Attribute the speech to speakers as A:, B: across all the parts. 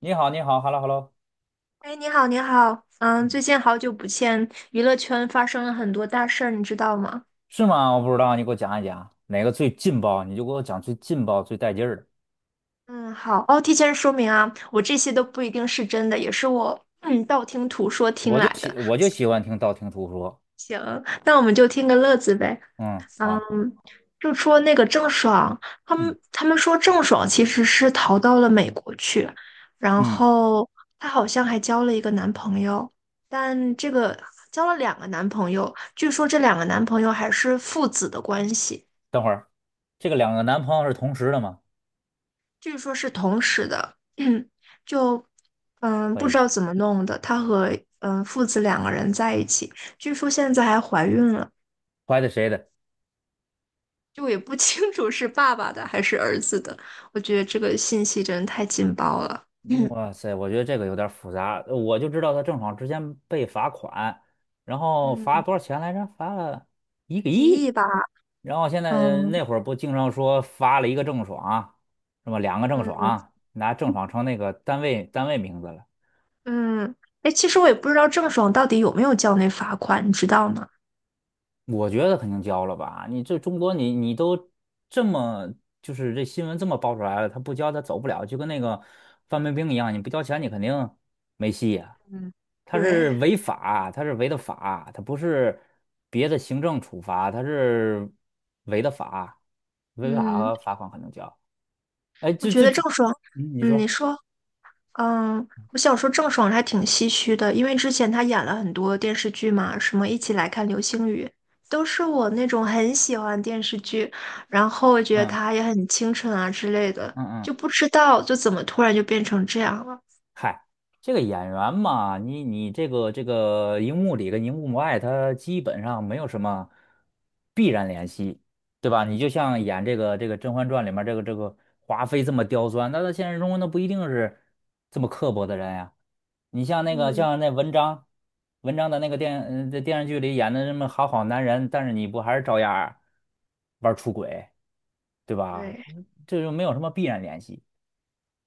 A: 你好，你好，hello hello，
B: 哎，你好，你好，嗯，
A: 嗯，
B: 最近好久不见，娱乐圈发生了很多大事儿，你知道吗？
A: 是吗？我不知道，你给我讲一讲哪个最劲爆，你就给我讲最劲爆、最带劲儿的。
B: 嗯，好，哦，提前说明啊，我这些都不一定是真的，也是我道听途说听来的。
A: 我就喜欢听道听途说。
B: 行，那我们就听个乐子呗。
A: 嗯，
B: 嗯，
A: 好，
B: 就说那个郑爽，他
A: 嗯，
B: 们他们说郑爽其实是逃到了美国去，然
A: 嗯，
B: 后她好像还交了一个男朋友，但这个交了两个男朋友，据说这两个男朋友还是父子的关系。
A: 等会儿，这个两个男朋友是同时的吗？
B: 据说是同时的，就
A: 可
B: 不知
A: 以，
B: 道怎么弄的，他和父子两个人在一起，据说现在还怀孕了，
A: 怀的谁的？
B: 就也不 清楚是爸爸的还是儿子的。我觉得这个信息真的太劲爆了，
A: 哇 塞，我觉得这个有点儿复杂，我就知道他郑爽之前被罚款，然后罚
B: 嗯，
A: 多少钱来着？罚了一个
B: 几
A: 亿。
B: 亿吧，
A: 然后现在
B: 嗯
A: 那会儿不经常说罚了一个郑爽，是吧？两个郑
B: 嗯
A: 爽，拿郑爽成那个单位名字了。
B: 嗯，哎，其实我也不知道郑爽到底有没有交那罚款，你知道吗？
A: 我觉得肯定交了吧？你这中国你都这么就是这新闻这么爆出来了，他不交他走不了，就跟那个范冰冰一样，你不交钱你肯定没戏呀、
B: 嗯，
A: 他是
B: 对，
A: 违法，他是违的法，他不是别的行政处罚，他是违的法，违
B: 嗯，
A: 法罚款肯定交。哎，
B: 我
A: 这
B: 觉
A: 这
B: 得
A: 这，
B: 郑爽，
A: 嗯，你
B: 嗯，你
A: 说，
B: 说。嗯，我想说郑爽还挺唏嘘的，因为之前她演了很多电视剧嘛，什么《一起来看流星雨》，都是我那种很喜欢的电视剧，然后我觉得
A: 嗯
B: 她也很清纯啊之类的，
A: 嗯
B: 就不
A: 嗯。
B: 知道就怎么突然就变成这样了。
A: 嗨，这个演员嘛，你这个荧幕里跟荧幕外，他基本上没有什么必然联系，对吧？你就像演这个《甄嬛传》里面这个华妃这么刁钻，那在现实中那不一定是这么刻薄的人呀。你像那个
B: 嗯，
A: 像那文章，文章的那个在电视剧里演的这么好男人，但是你不还是照样儿玩儿出轨，对吧？
B: 对，
A: 这就没有什么必然联系。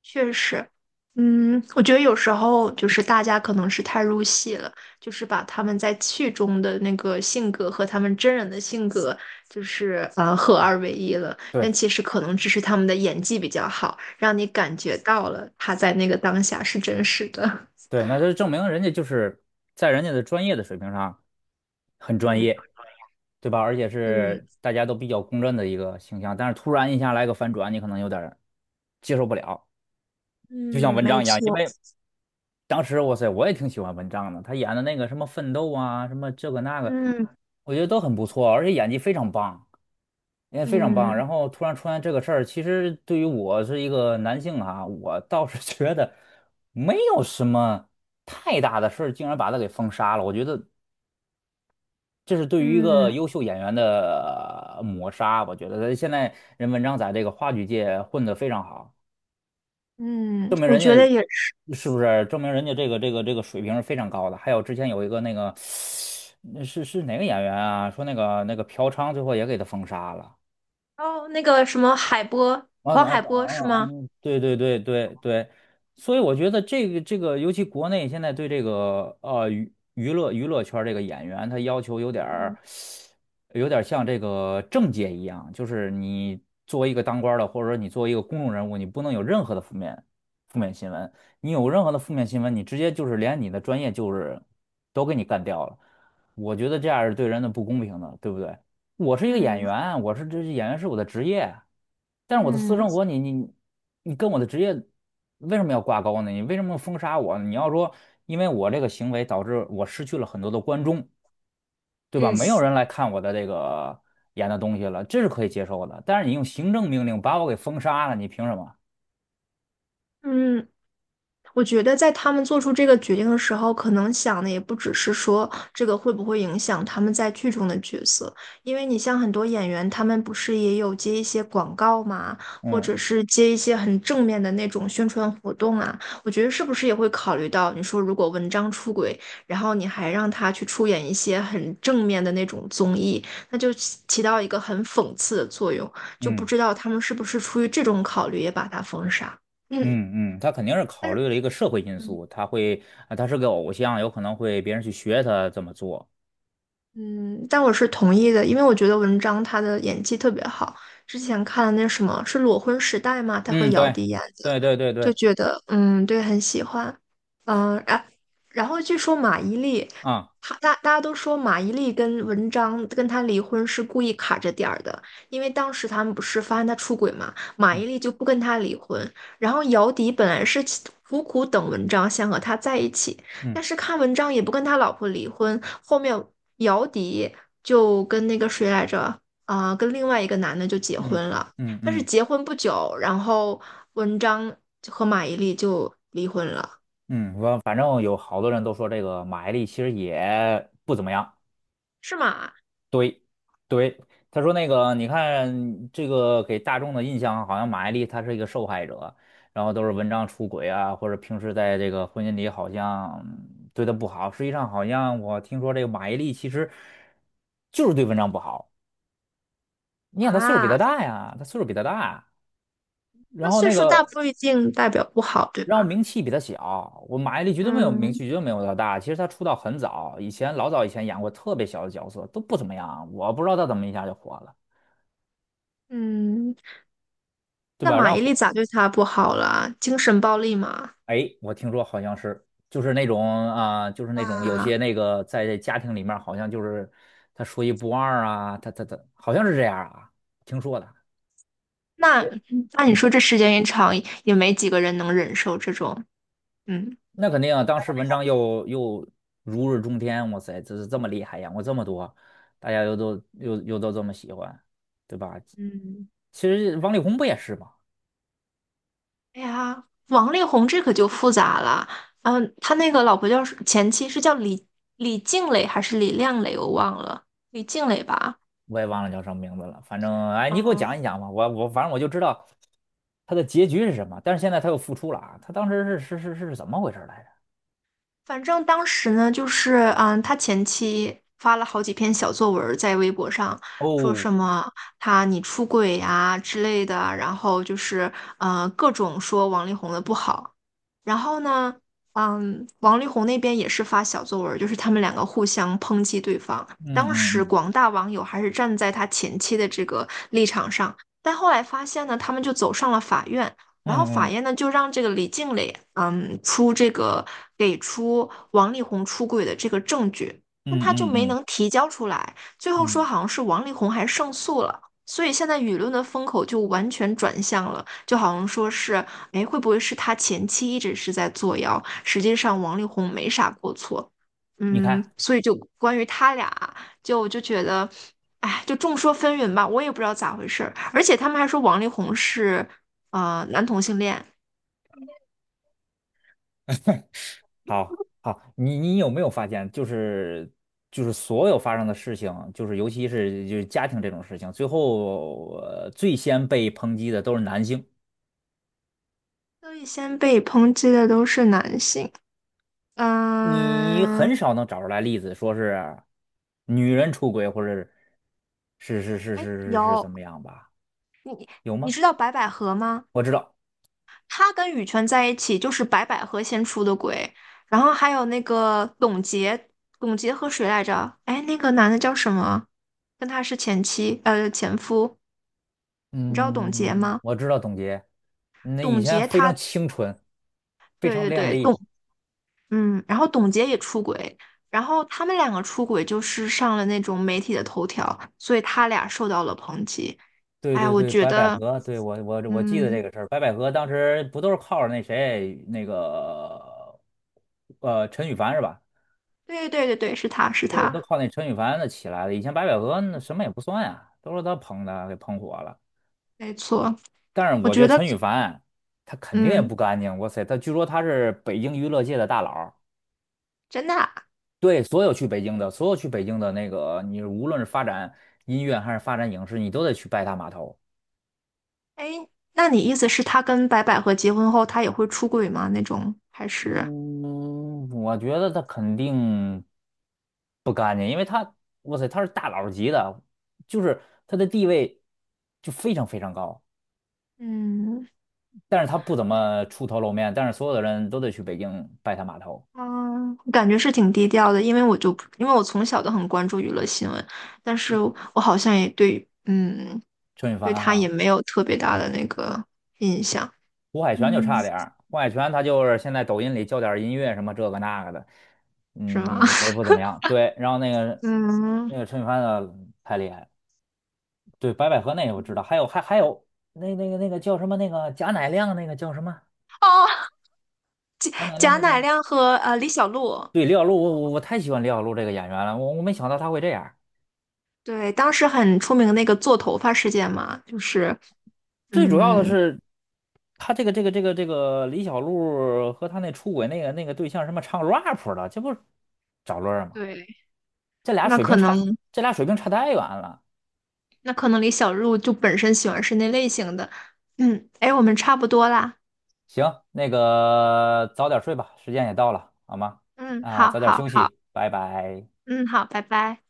B: 确实，嗯，我觉得有时候就是大家可能是太入戏了，就是把他们在剧中的那个性格和他们真人的性格，就是但
A: 对。
B: 其实可能只是他们的演技比较好，让你感觉到了他在那个当下是真实的。
A: 对，那就证明人家就是在人家的专业的水平上很 专
B: 嗯
A: 业，对吧？而且
B: 嗯
A: 是大家都比较公认的一个形象，但是突然一下来个反转，你可能有点儿接受不了，就像
B: 嗯，
A: 文
B: 没
A: 章一样，因
B: 错，
A: 为当时哇塞，我也挺喜欢文章的，他演的那个什么奋斗啊，什么这个那个，
B: 嗯
A: 我觉得都很不错，而且演技非常棒，演技非常棒。
B: 嗯
A: 然后突然出现这个事儿，其实对于我是一个男性啊，我倒是 觉得。没有什么太大的事儿，竟然把他给封杀了。我觉得这是对于一个
B: 嗯
A: 优秀演员的抹杀，我觉得现在人文章在这个话剧界混得非常好，
B: 嗯，我觉得也是。
A: 是不是？证明人家这个水平是非常高的。还有之前有一个那个，那是哪个演员啊？说那个嫖娼最后也给他封杀了。
B: 哦，那个什么海波，
A: 啊
B: 黄
A: 啊
B: 海
A: 啊
B: 波是
A: 啊！
B: 吗？
A: 对对对对对，所以我觉得这个，尤其国内现在对这个娱乐圈这个演员，他要求有点儿
B: 嗯
A: 有点儿像这个政界一样，就是你作为一个当官儿的，或者说你作为一个公众人物，你不能有任何的负面新闻。你有任何的负面新闻，你直接就是连你的专业就是都给你干掉了。我觉得这样是对人的不公平的，对不对？我是一个演
B: 嗯
A: 员，这演员是我的职业，但是我的私
B: 嗯
A: 生活你跟我的职业为什么要挂钩呢？你为什么要封杀我呢你要说因为我这个行为导致我失去了很多的观众，对吧？没有人来看我的这个演的东西了，这是可以接受的。但是你用行政命令把我给封杀了，你凭什么？
B: 嗯。我觉得在他们做出这个决定的时候，可能想的也不只是说这个会不会影响他们在剧中的角色，因为你像很多演员，他们不是也有接一些广告吗？或
A: 嗯
B: 者是接一些很正面的那种宣传活动啊。我觉得是不是也会考虑到，你说如果文章出轨，然后你还让他去出演一些很正面的那种综艺，那就起到一个很讽刺的作用，就不
A: 嗯
B: 知道他们是不是出于这种考虑也把他封杀。嗯。
A: 嗯嗯，他肯定是考
B: 但是。
A: 虑了一个社会因
B: 嗯。
A: 素，他会啊他是个偶像，有可能会别人去学他这么做。
B: 嗯，但我是同意的，因为我觉得文章他的演技特别好。之前看了那什么是《裸婚时代》嘛，他和
A: 嗯，
B: 姚
A: 对
B: 笛演的，
A: 对对对
B: 就
A: 对，
B: 觉得嗯，对，很喜欢，嗯，然后据说马伊琍，
A: 啊。
B: 她大家都说马伊琍跟文章跟她离婚是故意卡着点儿的，因为当时他们不是发现她出轨嘛，马伊
A: 嗯
B: 琍就不跟他离婚，然后姚笛本来是苦苦等文章想和他在一起，但
A: 嗯
B: 是看文章也不跟他老婆离婚，后面姚笛就跟那个谁来着啊、跟另外一个男的就结
A: 嗯
B: 婚了。
A: 嗯
B: 但是
A: 嗯
B: 结婚不久，然后文章和马伊琍就离婚了，
A: 嗯，我反正有好多人都说这个马伊琍其实也不怎么样。
B: 是吗？
A: 对对，他说那个你看这个给大众的印象好像马伊琍她是一个受害者，然后都是文章出轨啊，或者平时在这个婚姻里好像对她不好。实际上好像我听说这个马伊琍其实就是对文章不好。你想她岁数比她
B: 啊，
A: 大呀，她岁数比她大，然
B: 那
A: 后
B: 岁
A: 那
B: 数大
A: 个。
B: 不一定代表不好，对
A: 然后
B: 吧？
A: 名气比他小，我马伊琍绝对没有名
B: 嗯
A: 气，绝对没有他大。其实他出道很早，老早以前演过特别小的角色，都不怎么样。我不知道他怎么一下就火了，
B: 嗯，
A: 对
B: 那
A: 吧？
B: 马
A: 然后
B: 伊琍
A: 火，
B: 咋对他不好了？精神暴力嘛？
A: 哎，我听说好像是就是那种啊、就是那种有
B: 啊，
A: 些那个在家庭里面好像就是他说一不二啊，他好像是这样啊，听说的。
B: 那
A: 也
B: 那你说这时间一长，也没几个人能忍受这种，嗯
A: 那肯定啊，当时文章又如日中天，哇塞，这是这么厉害，演过这么多，大家又都这么喜欢，对吧？
B: 嗯，
A: 其实王力宏不也是吗？
B: 哎呀，王力宏这可就复杂了，嗯，他那个老婆叫前妻是叫李静蕾还是李亮蕾，我忘了，李静蕾吧。
A: 我也忘了叫什么名字了，反正哎，你给我讲
B: 嗯，
A: 一讲吧，我反正我就知道他的结局是什么，但是现在他又复出了啊，他当时是怎么回事来着？
B: 反正当时呢，就是嗯，他前妻发了好几篇小作文儿在微博上，说
A: 哦，
B: 什么他你出轨呀、之类的，然后就是各种说王力宏的不好。然后呢，嗯，王力宏那边也是发小作文儿，就是他们两个互相抨击对方。
A: 嗯
B: 当时
A: 嗯
B: 广大网友还是站在他前妻的这个立场上，但后来发现呢，他们就走上了法院。然后
A: 嗯
B: 法
A: 嗯
B: 院呢就让这个李静蕾，嗯，出这个给出王力宏出轨的这个证据，但
A: 嗯
B: 他就
A: 嗯嗯
B: 没
A: 嗯
B: 能提交出来。最后说
A: 嗯，
B: 好像是王力宏还胜诉了，所以现在舆论的风口就完全转向了，就好像说是，哎，会不会是他前妻一直是在作妖？实际上王力宏没啥过错，
A: 你看。
B: 嗯，所以就关于他俩，就我就觉得。哎，就众说纷纭吧，我也不知道咋回事儿。而且他们还说王力宏是啊、男同性恋，
A: 好，好，你有没有发现，就是所有发生的事情，就是尤其是就是家庭这种事情，最先被抨击的都是男性，
B: 所以先被抨击的都是男性。
A: 你
B: 嗯，
A: 很少能找出来例子说是女人出轨或者是是是是
B: 哎，
A: 是是怎
B: 有，
A: 么样吧？有
B: 你
A: 吗？
B: 知道白百合吗？
A: 我知道，
B: 她跟羽泉在一起就是白百合先出的轨，然后还有那个董洁，董洁和谁来着？哎，那个男的叫什么？跟他是前妻，前夫。你知道董洁
A: 嗯，
B: 吗？
A: 我知道，董洁，那以
B: 董
A: 前
B: 洁
A: 非
B: 她，
A: 常清纯，非
B: 对
A: 常
B: 对
A: 靓
B: 对，
A: 丽。
B: 嗯，然后董洁也出轨，然后他们两个出轨就是上了那种媒体的头条，所以他俩受到了抨击。
A: 对
B: 哎呀，
A: 对
B: 我
A: 对，
B: 觉
A: 白百
B: 得，
A: 合，对我记得
B: 嗯，
A: 这个事儿。白百合当时不都是靠着那谁那个陈羽凡是吧？
B: 对对对对，是他是
A: 都
B: 他，
A: 靠那陈羽凡的起来的。以前白百合那什么也不算呀，都是他捧的，给捧火了。
B: 没错。
A: 但是
B: 我
A: 我觉
B: 觉
A: 得
B: 得，
A: 陈羽凡他肯定也
B: 嗯，
A: 不干净。哇塞，他据说他是北京娱乐界的大佬儿。
B: 真的啊
A: 对所有去北京的，所有去北京的那个，你无论是发展音乐还是发展影视，你都得去拜他码头。
B: 哎，那你意思是他跟白百合结婚后，他也会出轨吗？那种还是，
A: 嗯，我觉得他肯定不干净，因为他，哇塞，他是大佬级的，就是他的地位就非常非常高，
B: 嗯
A: 但是他不怎么出头露面，但是所有的人都得去北京拜他码头。
B: 嗯，我感觉是挺低调的，因为因为我从小都很关注娱乐新闻，但是我好像也对，嗯。
A: 陈羽
B: 对
A: 凡
B: 他也
A: 哈，
B: 没有特别大的那个，
A: 胡海泉就
B: 嗯
A: 差点儿，胡海泉他就是现在抖音里教点儿音乐什么这个那个的，
B: 是吗？
A: 嗯，我 不怎么样，对，然后那个
B: 嗯，
A: 那个陈羽凡的太厉害了。对，白百合那个我知道，还有那个叫什么那个贾乃亮那个叫什么
B: 哦，
A: 贾乃亮
B: 贾
A: 那叫什
B: 乃
A: 么？
B: 亮和李小璐，
A: 对，李小璐，我太喜欢李小璐这个演员了，我没想到她会这样。
B: 对，当时很出名的那个做头发事件嘛，就是
A: 最主要的
B: 嗯，
A: 是，她这个李小璐和她那出轨那个对象什么唱 rap 的，这不是找乐儿吗？
B: 对，
A: 这俩
B: 那
A: 水
B: 可
A: 平差，
B: 能
A: 这俩水平差太远了。
B: 那可能李小璐就本身喜欢是那类型的，嗯，哎，我们差不多啦，
A: 行，那个早点睡吧，时间也到了，好吗？
B: 嗯，
A: 啊，
B: 好
A: 早点
B: 好
A: 休
B: 好，
A: 息，拜拜。
B: 嗯，好，拜拜。